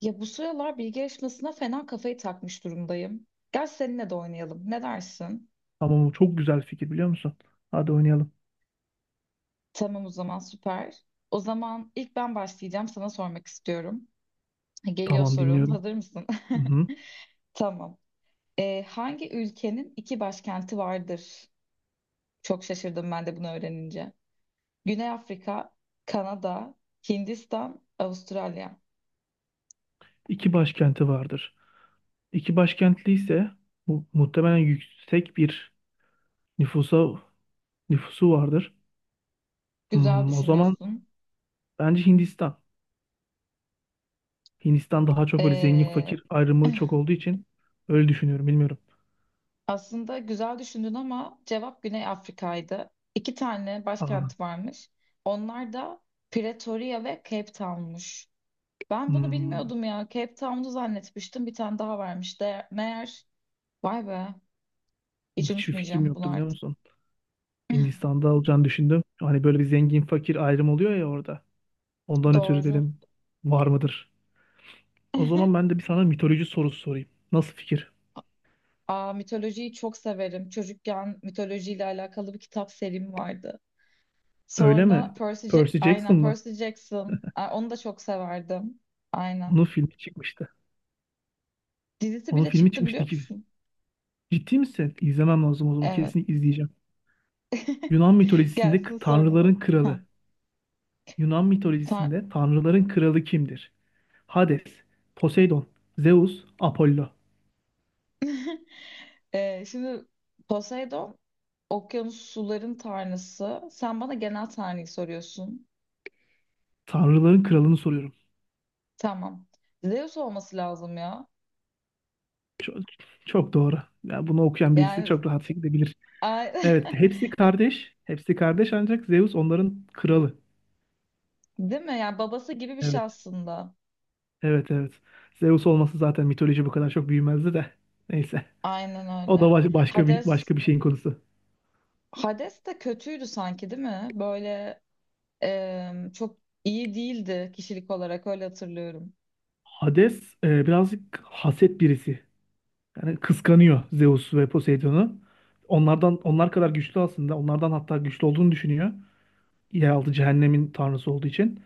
Ya bu sıralar bilgi yarışmasına fena kafayı takmış durumdayım. Gel seninle de oynayalım. Ne dersin? Tamam, bu çok güzel fikir biliyor musun? Hadi oynayalım. Tamam o zaman süper. O zaman ilk ben başlayacağım. Sana sormak istiyorum. Geliyor Tamam, sorun. dinliyorum. Hazır mısın? Hı-hı. Tamam. Hangi ülkenin iki başkenti vardır? Çok şaşırdım ben de bunu öğrenince. Güney Afrika, Kanada, Hindistan, Avustralya. İki başkenti vardır. İki başkentli ise muhtemelen yüksek bir nüfusa nüfusu vardır. Güzel O zaman düşünüyorsun. bence Hindistan. Hindistan daha çok böyle zengin Ee, fakir ayrımı çok olduğu için öyle düşünüyorum, bilmiyorum. aslında güzel düşündün ama cevap Güney Afrika'ydı. İki tane Aa, başkent varmış. Onlar da Pretoria ve Cape Town'muş. Ben bunu hmm, bilmiyordum ya. Cape Town'u zannetmiştim. Bir tane daha varmış. De meğer vay be. Hiç hiçbir fikrim unutmayacağım bunu yoktu biliyor artık. musun? Hindistan'da olacağını düşündüm. Hani böyle bir zengin fakir ayrım oluyor ya orada. Ondan ötürü Doğru. dedim var mıdır? O zaman ben de bir sana mitoloji sorusu sorayım. Nasıl fikir? Aa, mitolojiyi çok severim. Çocukken mitolojiyle alakalı bir kitap serim vardı. Öyle Sonra mi? Percy Jackson aynen mı? Percy Jackson. Aa, onu da çok severdim. Aynen. Onun filmi çıkmıştı. Dizisi Onun bile filmi çıktı çıkmıştı biliyor ki. musun? Ciddi misin? İzlemem lazım o zaman. Evet. Kesinlikle izleyeceğim. Yunan mitolojisinde Gelsin tanrıların sorun. Ha, kralı. Yunan sen- mitolojisinde tanrıların kralı kimdir? Hades, Poseidon, Zeus, Apollo. Şimdi Poseidon okyanus suların tanrısı. Sen bana genel tanrıyı soruyorsun. Tanrıların kralını soruyorum. Tamam. Zeus olması lazım ya. Çok, çok doğru. Ya bunu okuyan birisi Yani çok rahat şekilde bilir. ay- Evet, hepsi kardeş. Hepsi kardeş ancak Zeus onların kralı. değil mi? Yani babası gibi bir şey Evet. aslında. Evet, evet. Zeus olması zaten, mitoloji bu kadar çok büyümezdi de. Neyse. Aynen O da öyle. Başka bir Hades şeyin konusu. Hades de kötüydü sanki değil mi? Böyle çok iyi değildi kişilik olarak öyle hatırlıyorum. Hades birazcık haset birisi. Yani kıskanıyor Zeus ve Poseidon'u. Onlardan onlar kadar güçlü aslında. Onlardan hatta güçlü olduğunu düşünüyor. Yeraltı cehennemin tanrısı olduğu için.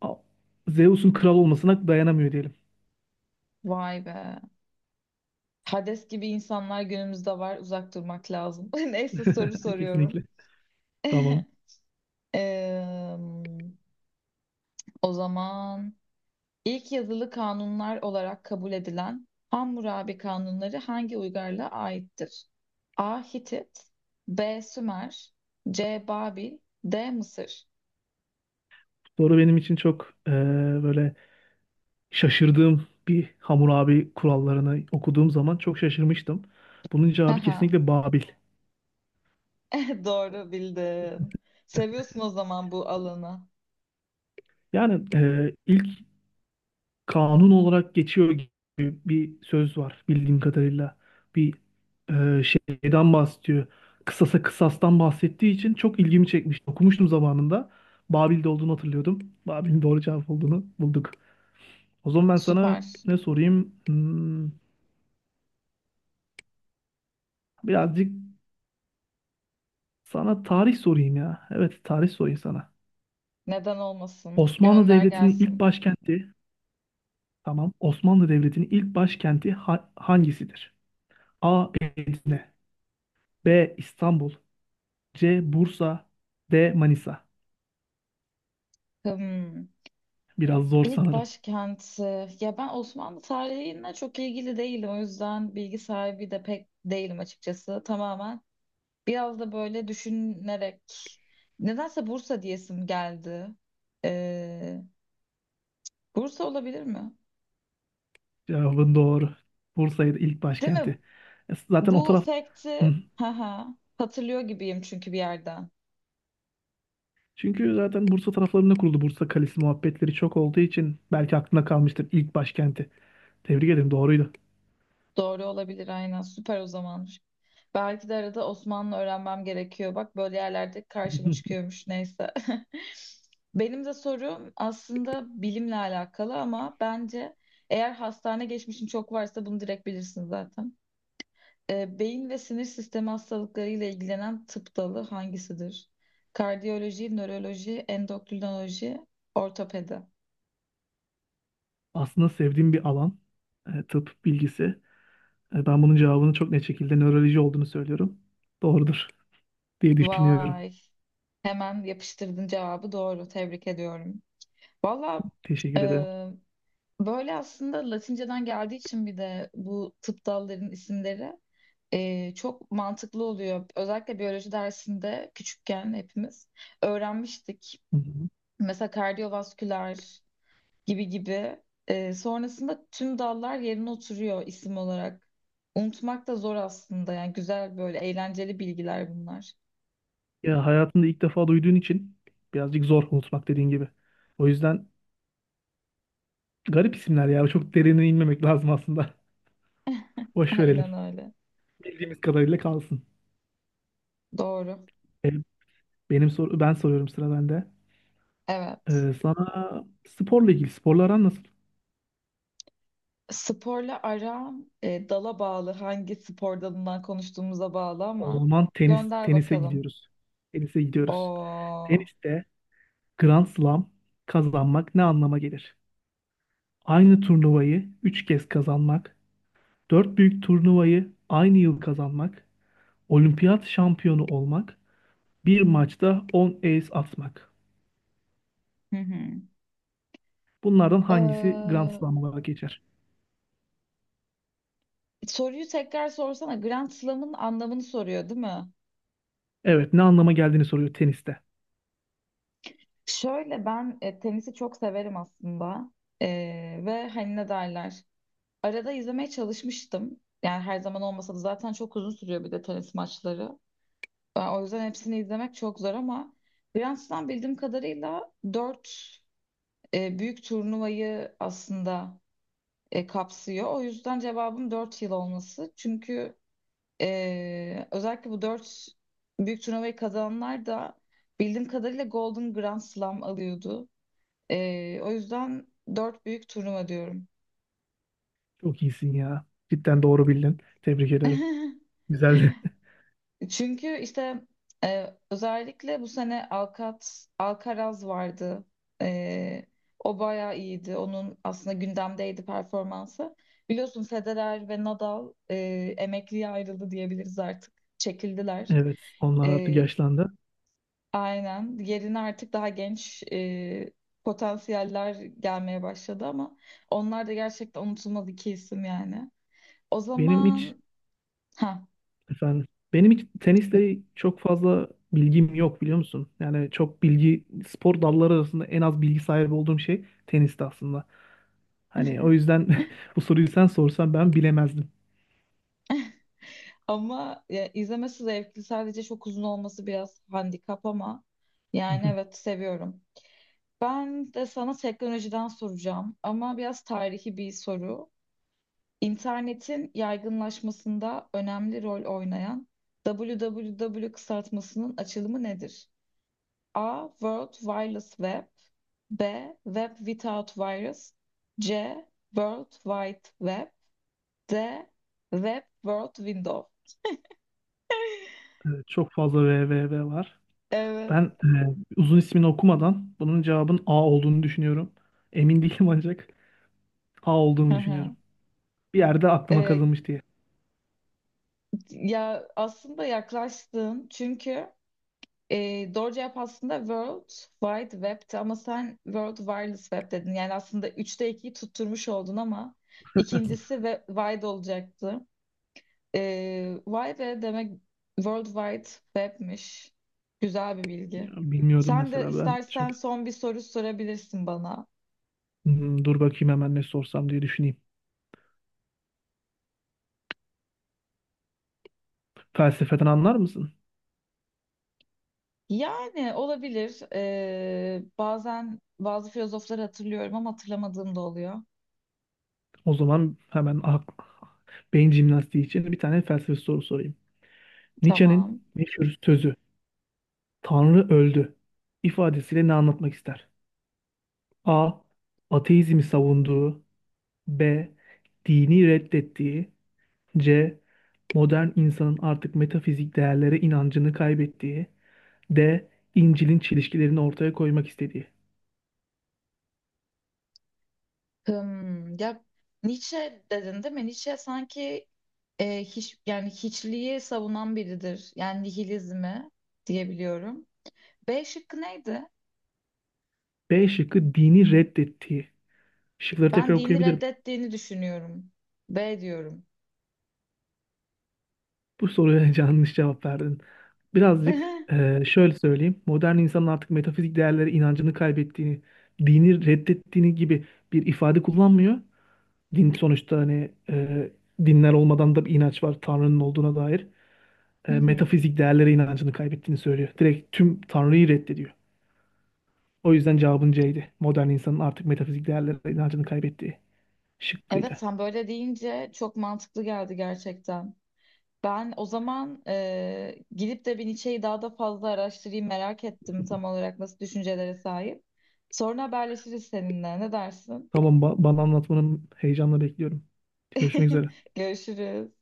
A- Zeus'un kral olmasına dayanamıyor diyelim. Vay be. Hades gibi insanlar günümüzde var. Uzak durmak lazım. Neyse soru soruyorum. Kesinlikle. Tamam. Eee, o zaman ilk yazılı kanunlar olarak kabul edilen Hammurabi kanunları hangi uygarlığa aittir? A. Hitit B. Sümer C. Babil D. Mısır Soru benim için çok böyle şaşırdığım bir, Hammurabi kurallarını okuduğum zaman çok şaşırmıştım. Bunun cevabı Haha, kesinlikle Babil. doğru bildin. Seviyorsun o zaman bu alanı. Yani ilk kanun olarak geçiyor gibi bir söz var bildiğim kadarıyla. Bir şeyden bahsediyor. Kısasa kısastan bahsettiği için çok ilgimi çekmişti. Okumuştum zamanında. Babil'de olduğunu hatırlıyordum. Babil'in doğru cevap olduğunu bulduk. O zaman ben sana Süper. ne sorayım? Hmm, birazcık sana tarih sorayım ya. Evet, tarih sorayım sana. Neden olmasın? Osmanlı Gönder Devleti'nin ilk gelsin. başkenti, tamam. Osmanlı Devleti'nin ilk başkenti hangisidir? A. Edirne, B. İstanbul, C. Bursa, D. Manisa. Hmm. Biraz zor İlk sanırım. başkenti. Ya ben Osmanlı tarihine çok ilgili değilim. O yüzden bilgi sahibi de pek değilim açıkçası. Tamamen biraz da böyle düşünerek. Nedense Bursa diyesim geldi. Ee, Bursa olabilir mi? Cevabın doğru. Bursa'ydı ilk Değil mi? başkenti. E, zaten o Bu taraf... Hı. sekti haha, hatırlıyor gibiyim çünkü bir yerden. Çünkü zaten Bursa taraflarında kuruldu. Bursa Kalesi muhabbetleri çok olduğu için belki aklına kalmıştır ilk başkenti. Tebrik ederim, doğruydu. Doğru olabilir aynen. Süper o zaman. Belki de arada Osmanlı öğrenmem gerekiyor. Bak böyle yerlerde karşıma çıkıyormuş. Neyse. Benim de sorum aslında bilimle alakalı ama bence eğer hastane geçmişin çok varsa bunu direkt bilirsin zaten. Beyin ve sinir sistemi hastalıklarıyla ilgilenen tıp dalı hangisidir? Kardiyoloji, nöroloji, endokrinoloji, ortopedi. Aslında sevdiğim bir alan. Tıp bilgisi. Ben bunun cevabını çok net şekilde nöroloji olduğunu söylüyorum. Doğrudur diye düşünüyorum. Vay. Hemen yapıştırdın cevabı doğru. Tebrik ediyorum. Valla Teşekkür ederim. e, böyle aslında Latinceden geldiği için bir de bu tıp dallarının isimleri çok mantıklı oluyor. Özellikle biyoloji dersinde küçükken hepimiz öğrenmiştik. Hı hı. Mesela kardiyovasküler gibi gibi. Sonrasında tüm dallar yerine oturuyor isim olarak. Unutmak da zor aslında. Yani güzel böyle eğlenceli bilgiler bunlar. Ya hayatında ilk defa duyduğun için birazcık zor unutmak, dediğin gibi. O yüzden garip isimler ya. Çok derine inmemek lazım aslında. Boş verelim. Aynen öyle. Bildiğimiz kadarıyla kalsın. Doğru. E, Benim soru, ben soruyorum, sıra bende. Evet. Sana sporla aran nasıl? Sporla aram dala bağlı, hangi spor dalından konuştuğumuza bağlı O ama zaman gönder tenise bakalım. gidiyoruz. Tenise gidiyoruz. Oo. Teniste Grand Slam kazanmak ne anlama gelir? Aynı turnuvayı 3 kez kazanmak, 4 büyük turnuvayı aynı yıl kazanmak, olimpiyat şampiyonu olmak, bir maçta on ace atmak. Hı hı. Bunlardan hangisi Grand Ee, Slam olarak geçer? Soruyu tekrar sorsana. Grand Slam'ın anlamını soruyor değil mi? Evet, ne anlama geldiğini soruyor teniste. Şöyle ben tenisi çok severim aslında. Ve hani ne derler? Arada izlemeye çalışmıştım. Yani her zaman olmasa da zaten çok uzun sürüyor bir de tenis maçları. O yüzden hepsini izlemek çok zor ama Grand Slam bildiğim kadarıyla 4. Büyük turnuvayı aslında kapsıyor. O yüzden cevabım 4 yıl olması. Çünkü özellikle bu 4 büyük turnuvayı kazananlar da bildiğim kadarıyla Golden Grand Slam alıyordu. O yüzden 4 büyük turnuva diyorum. Çok iyisin ya. Cidden doğru bildin. Tebrik ederim. Güzeldi. Çünkü işte özellikle bu sene Alcaraz vardı. E, O bayağı iyiydi. Onun aslında gündemdeydi performansı. Biliyorsun Federer ve Nadal emekliye ayrıldı diyebiliriz artık. Çekildiler. Evet, onlar artık E, yaşlandı. aynen. Yerine artık daha genç potansiyeller gelmeye başladı ama onlar da gerçekten unutulmaz iki isim yani. O Benim hiç zaman ha. efendim, benim hiç tenisle çok fazla bilgim yok biliyor musun? Yani çok bilgi, spor dalları arasında en az bilgi sahibi olduğum şey tenisti aslında. Hani o yüzden bu soruyu sen sorsan ben bilemezdim. Ama ya, izlemesi zevkli. Sadece çok uzun olması biraz handikap ama Hı yani hı. evet seviyorum. Ben de sana teknolojiden soracağım ama biraz tarihi bir soru. İnternetin yaygınlaşmasında önemli rol oynayan www kısaltmasının açılımı nedir? A. World Wireless Web B. Web Without Virus C. World Wide Web D. Web World Window Evet, çok fazla VVV var. Evet. Ben uzun ismini okumadan bunun cevabın A olduğunu düşünüyorum. Emin değilim ancak A Hı olduğunu düşünüyorum. hı. Bir yerde aklıma Ee, kazınmış diye. Ya aslında yaklaştın çünkü doğru cevap aslında World Wide Web'ti ama sen World Wireless Web dedin. Yani aslında üçte ikiyi tutturmuş oldun ama ikincisi ve wide olacaktı. Wide demek World Wide Web'miş. Güzel bir bilgi. Ya, bilmiyordum Sen de mesela ben. istersen Şöyle, son bir soru sorabilirsin bana. hmm, dur bakayım hemen ne sorsam diye düşüneyim. Felsefeden anlar mısın? Yani olabilir. Bazen bazı filozofları hatırlıyorum ama hatırlamadığım da oluyor. O zaman hemen beyin jimnastiği için bir tane felsefe soru sorayım. Tamam. Nietzsche'nin meşhur sözü "Tanrı öldü" ifadesiyle ne anlatmak ister? A. Ateizmi savunduğu, B. Dini reddettiği, C. Modern insanın artık metafizik değerlere inancını kaybettiği, D. İncil'in çelişkilerini ortaya koymak istediği. Hmm, ya Nietzsche dedin değil mi? Nietzsche sanki hiçliği savunan biridir. Yani nihilizmi diyebiliyorum. B şıkkı neydi? B şıkkı, dini reddettiği. Şıkları tekrar Ben dini okuyabilirim. reddettiğini düşünüyorum. B diyorum. Bu soruya yanlış cevap verdin. Hı Birazcık şöyle söyleyeyim. Modern insanın artık metafizik değerlere inancını kaybettiğini, dini reddettiğini gibi bir ifade kullanmıyor. Din sonuçta hani dinler olmadan da bir inanç var Tanrı'nın olduğuna dair. E, hı. metafizik değerlere inancını kaybettiğini söylüyor. Direkt tüm Tanrı'yı reddediyor. O yüzden cevabın C'ydi. Modern insanın artık metafizik değerlere inancını kaybettiği Evet şıkkıydı. sen böyle deyince çok mantıklı geldi gerçekten. Ben o zaman gidip de bir Nietzsche'yi daha da fazla araştırayım, merak ettim tam olarak nasıl düşüncelere sahip. Sonra haberleşiriz seninle. Ne dersin? Tamam, bana anlatmanın heyecanla bekliyorum. Görüşmek üzere. Görüşürüz.